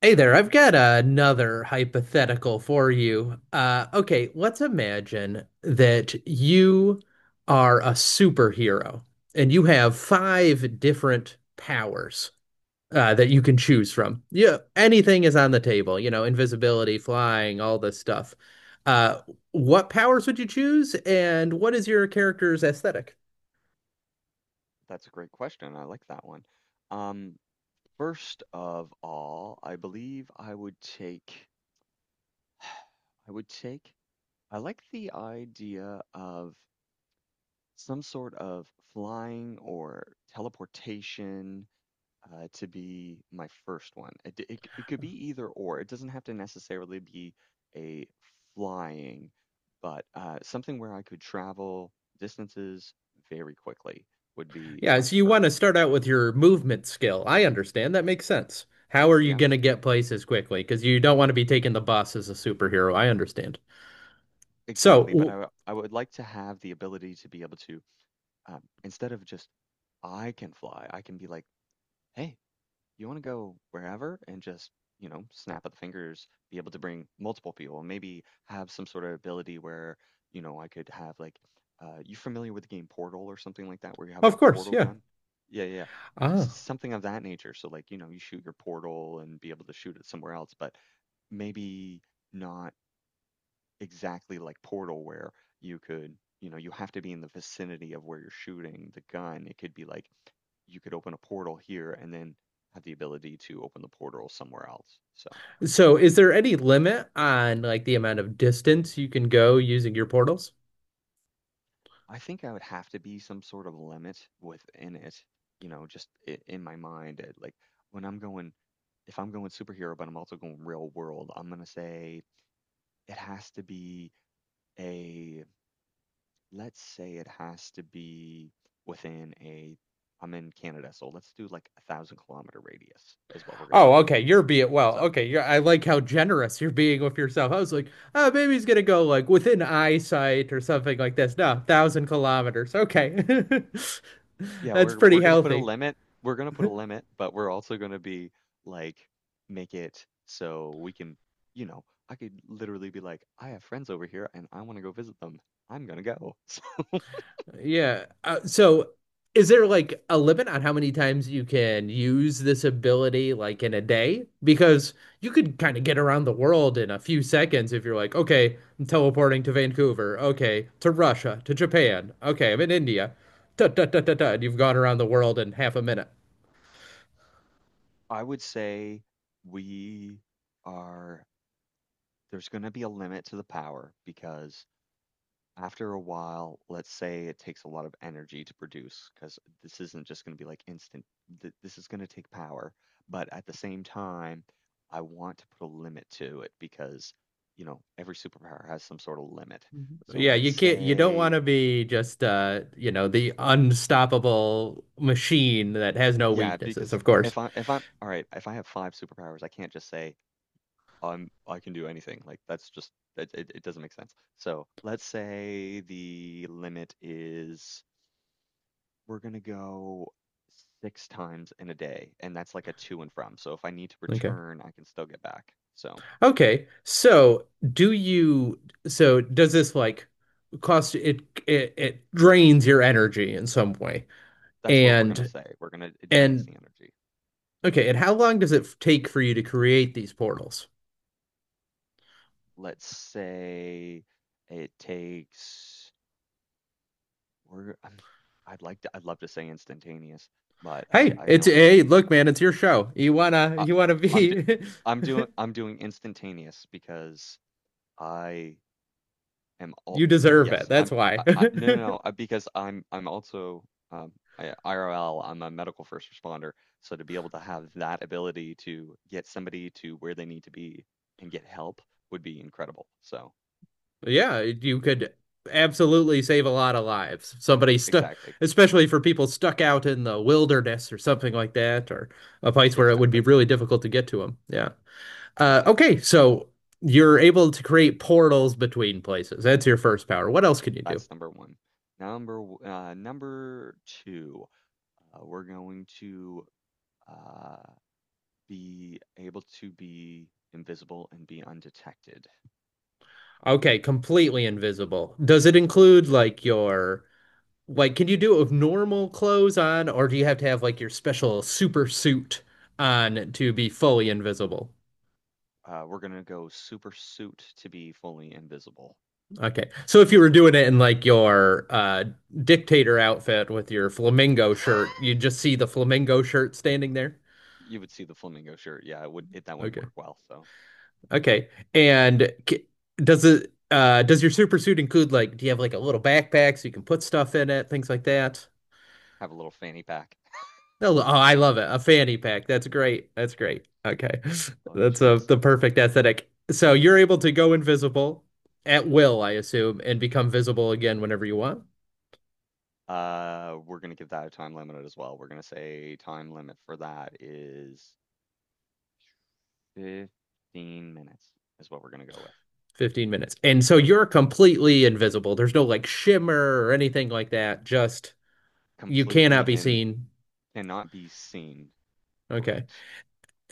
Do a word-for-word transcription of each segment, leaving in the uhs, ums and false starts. Hey there, I've got another hypothetical for you. Uh, okay, let's imagine that you are a superhero and you have five different powers uh, that you can choose from. Yeah, anything is on the table, you know, invisibility, flying, all this stuff. Uh, what powers would you choose, and what is your character's aesthetic? That's a great question. I like that one. Um, First of all, I believe I would take, I would take, I like the idea of some sort of flying or teleportation, uh, to be my first one. It, d- it, c- it could be either or. It doesn't have to necessarily be a flying, but uh, something where I could travel distances very quickly would be Yeah, my so you want to first. start out with your movement skill. I understand. That makes sense. How are you Yeah. going to get places quickly? Because you don't want to be taking the bus as a superhero. I understand. So, Exactly, but I w- w- I would like to have the ability to be able to, um, instead of just I can fly, I can be like, hey, you want to go wherever and just you know snap of the fingers, be able to bring multiple people, and maybe have some sort of ability where you know I could have like, uh, you familiar with the game Portal or something like that, where you have of a course, portal yeah. gun? Yeah, yeah, yeah. S- Ah. something of that nature. So like you know you shoot your portal and be able to shoot it somewhere else, but maybe not exactly like Portal where you could, you know, you have to be in the vicinity of where you're shooting the gun. It could be like you could open a portal here and then have the ability to open the portal somewhere else. So So, is there any limit on like the amount of distance you can go using your portals? I think I would have to be some sort of limit within it, you know, just I in my mind. It, like When I'm going, if I'm going superhero, but I'm also going real world, I'm gonna say it has to be a, let's say it has to be within a, I'm in Canada, so let's do like a thousand kilometer radius is what we're gonna Oh, do. okay. You're being well. So Okay, you're, I like how generous you're being with yourself. I was like, oh, maybe he's gonna go like within eyesight or something like this. No, thousand kilometers. Okay, yeah, that's we're pretty we're gonna put a healthy. limit. We're gonna put a limit, but we're also gonna be like make it so we can, you know, I could literally be like, I have friends over here and I want to go visit them. I'm gonna go. Yeah. Uh, so is there like a limit on how many times you can use this ability like in a day? Because you could kind of get around the world in a few seconds if you're like, okay, I'm teleporting to Vancouver, okay, to Russia, to Japan, okay, I'm in India. Da, da, da, da, da, and you've gone around the world in half a minute. I would say we are there's gonna be a limit to the power because after a while, let's say it takes a lot of energy to produce because this isn't just going to be like instant. Th- this is going to take power. But at the same time, I want to put a limit to it because, you know, every superpower has some sort of limit. So Yeah, let's you can't you don't want say, to be just uh, you know, the unstoppable machine that has no yeah, weaknesses, because of course. if I if I'm all right, if I have five superpowers, I can't just say I'm I can do anything. Like that's just it, it, it doesn't make sense. So let's say the limit is we're gonna go six times in a day, and that's like a to and from. So if I need to Okay. return, I can still get back. So Okay. So, do you so does this like cost it it, it drains your energy in some way? that's what we're gonna And say. We're gonna it drains and the energy. okay, and how long does it f- take for you to create these portals? Let's say it takes. We're. Um, I'd like to. I'd love to say instantaneous, but I. Hey, I it's know I can't. hey, look, man, it's your show. You wanna I, you wanna I'm. Do, be I'm doing. I'm doing instantaneous because I am all. you deserve it. Yes, That's I'm why. I, I, no, no, no, uh, because I'm I'm also, um I, IRL, I'm a medical first responder, so to be able to have that ability to get somebody to where they need to be and get help would be incredible. So Yeah, you could absolutely save a lot of lives. Somebody stuck, exactly, especially for people stuck out in the wilderness or something like that, or a place where it would be exactly, really difficult to get to them. Yeah. Uh, exactly. okay, so you're able to create portals between places. That's your first power. What else can you do? That's number one. Number w- uh, number two, uh, we're going to uh, be able to be invisible and be undetected. Okay, completely invisible. Does it include like your like can you do it with normal clothes on, or do you have to have like your special super suit on to be fully invisible? Uh, we're gonna go super suit to be fully invisible. Okay. So if you were doing it in like your uh dictator outfit with your flamingo shirt, you just see the flamingo shirt standing there. You would see the flamingo shirt. Yeah, it would it, that wouldn't Okay. work well. So Okay. And c- does it uh does your super suit include like do you have like a little backpack so you can put stuff in it, things like that? have a little fanny pack. No, oh, I love it. A fanny pack. That's great. That's great. Okay. Oh That's a, jeez. the perfect aesthetic. So you're able to go invisible at will, I assume, and become visible again whenever you want. Uh, we're gonna give that a time limit as well. We're gonna say time limit for that is fifteen minutes is what we're gonna go with. Fifteen minutes. And so you're completely invisible. There's no like shimmer or anything like that. Just you cannot Completely be in seen. cannot be seen. Okay. Correct.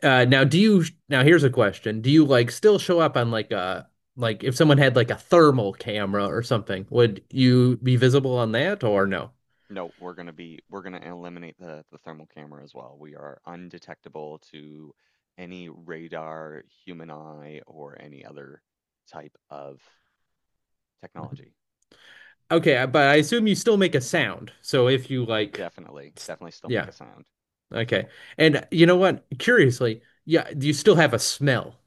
Uh, now, do you? Now, here's a question: Do you like still show up on like a like if someone had like a thermal camera or something, would you be visible on that or no? No, we're gonna be we're gonna eliminate the the thermal camera as well. We are undetectable to any radar, human eye, or any other type of technology. Okay, I- but I assume you still make a sound. So if you like, Definitely, s- definitely still make yeah, a sound. So okay. And you know what? Curiously, yeah, do you still have a smell?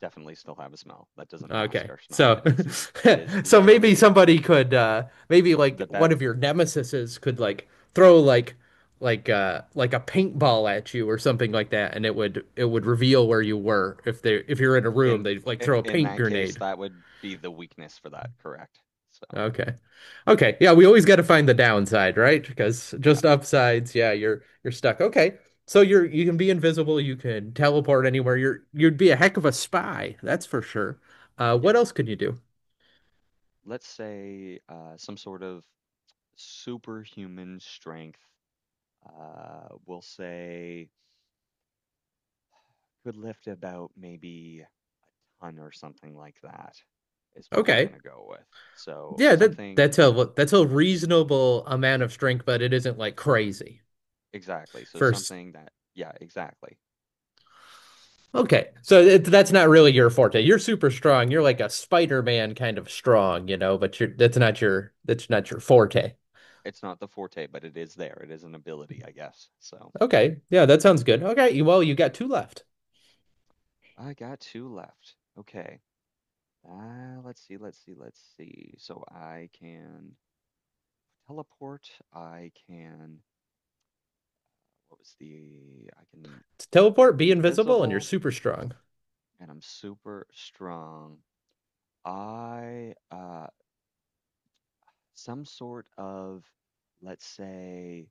definitely still have a smell. That doesn't mask Okay. our smell. So It is l- it is so maybe literally somebody could uh maybe like the one bet of your nemesises could like throw like like uh like a paintball at you or something like that and it would it would reveal where you were if they if you're in a room in they'd like i- throw a in paint that case, grenade. that would be the weakness for that, correct? So Okay. Okay. Yeah, we always got to find the downside, right? Because yeah, just upsides, yeah, you're you're stuck. Okay. So you're you can be invisible, you can teleport anywhere. You're you'd be a heck of a spy, that's for sure. Uh what yeah. else could you do? Let's say uh, some sort of superhuman strength. Uh, we'll say could lift about maybe a ton or something like that is what we're going Okay. to go with. So Yeah, that that's something a that's a reasonable amount of strength, but it isn't like crazy. Exactly. So First, something that yeah, exactly. okay, so it, that's not really your forte. You're super strong. You're like a Spider-Man kind of strong, you know. But you're that's not your that's not your forte. It's not the forte, but it is there. It is an ability, I guess. So Okay, yeah, that sounds good. Okay, you- well, you got two left. I got two left. Okay. Uh, let's see, let's see, let's see. So I can teleport. I can, what was the, I can To teleport, be be invisible, and you're invisible, super strong. and I'm super strong. I uh, Some sort of, let's say,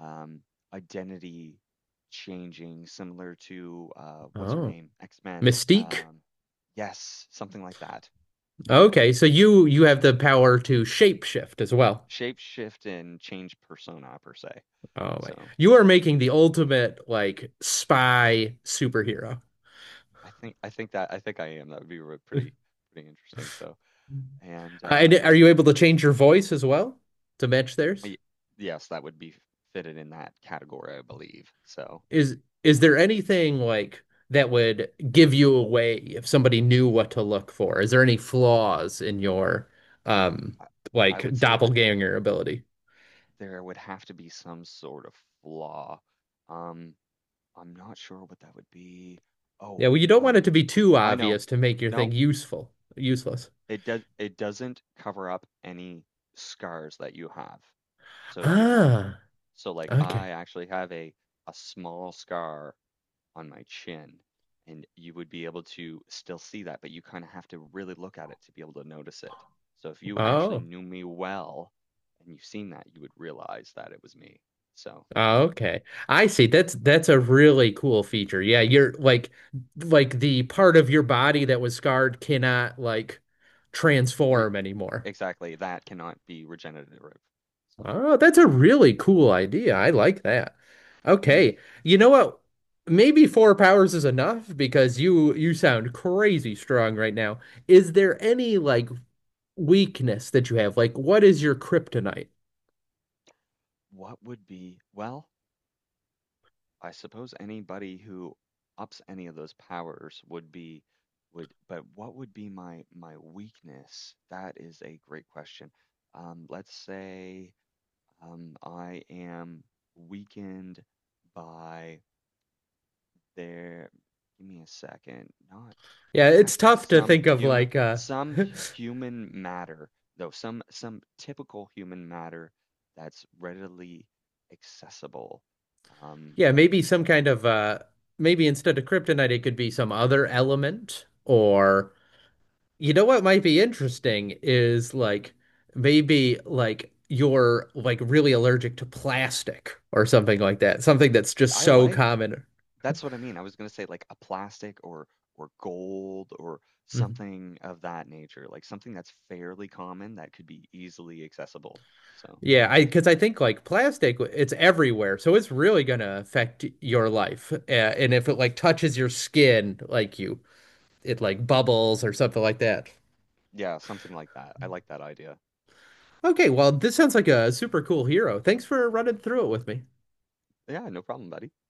um, identity changing, similar to uh, what's her Oh. name, X-Men. Mystique? Um, yes, something like that. Okay, so you you have the power to shapeshift as well. Shape shift and change persona per se. Oh my. So You are making the ultimate like spy superhero. I think I think that I think I am. That would be re- pretty pretty interesting. So, and Uh, And uh, are you able to change your voice as well to match theirs? y- yes, that would be fitted in that category, I believe. So is is yeah, there anything like that would give you away if somebody knew what to look for? Is there any flaws in your um I, I would like say that. doppelganger ability? There would have to be some sort of flaw. Um, I'm not sure what that would be. Oh, Yeah, well, you don't want it um, to be too I know. obvious to make your No, thing useful, useless. it does it doesn't cover up any scars that you have. So if you have, Ah, so like okay. I actually have a a small scar on my chin, and you would be able to still see that, but you kind of have to really look at it to be able to notice it. So if you actually Oh, knew me well and you've seen that, you would realize that it was me. So okay. I see. That's that's a really cool feature. Yeah, you're like like the part of your body that was scarred cannot like Re- transform anymore. exactly, that cannot be regenerative. So, Oh, that's a really cool idea. I like that. mm, Okay. You know what? Maybe four powers is enough because you you sound crazy strong right now. Is there any like weakness that you have? Like what is your kryptonite? what would be, well, I suppose anybody who ups any of those powers would be, would, but what would be my my weakness? That is a great question. Um, let's say, um, I am weakened by there. Give me a second. Not, Yeah, it it's has to be tough to some think of human like uh some human matter, though some some typical human matter that's readily accessible. Um yeah, maybe some kind of uh maybe instead of kryptonite it could be some other element or you know what might be interesting is like maybe like you're like really allergic to plastic or something like that. Something that's just I so like common. That's what I mean. I was going to say like a plastic, or or gold, or Mhm. something of that nature, like something that's fairly common that could be easily accessible. So Yeah, I because I think like plastic, it's everywhere, so it's really gonna affect your life. Uh, and if it like touches your skin, like you, it like bubbles or something like that. yeah, something like that. I like that idea. Okay, well, this sounds like a super cool hero. Thanks for running through it with me. Yeah, no problem, buddy.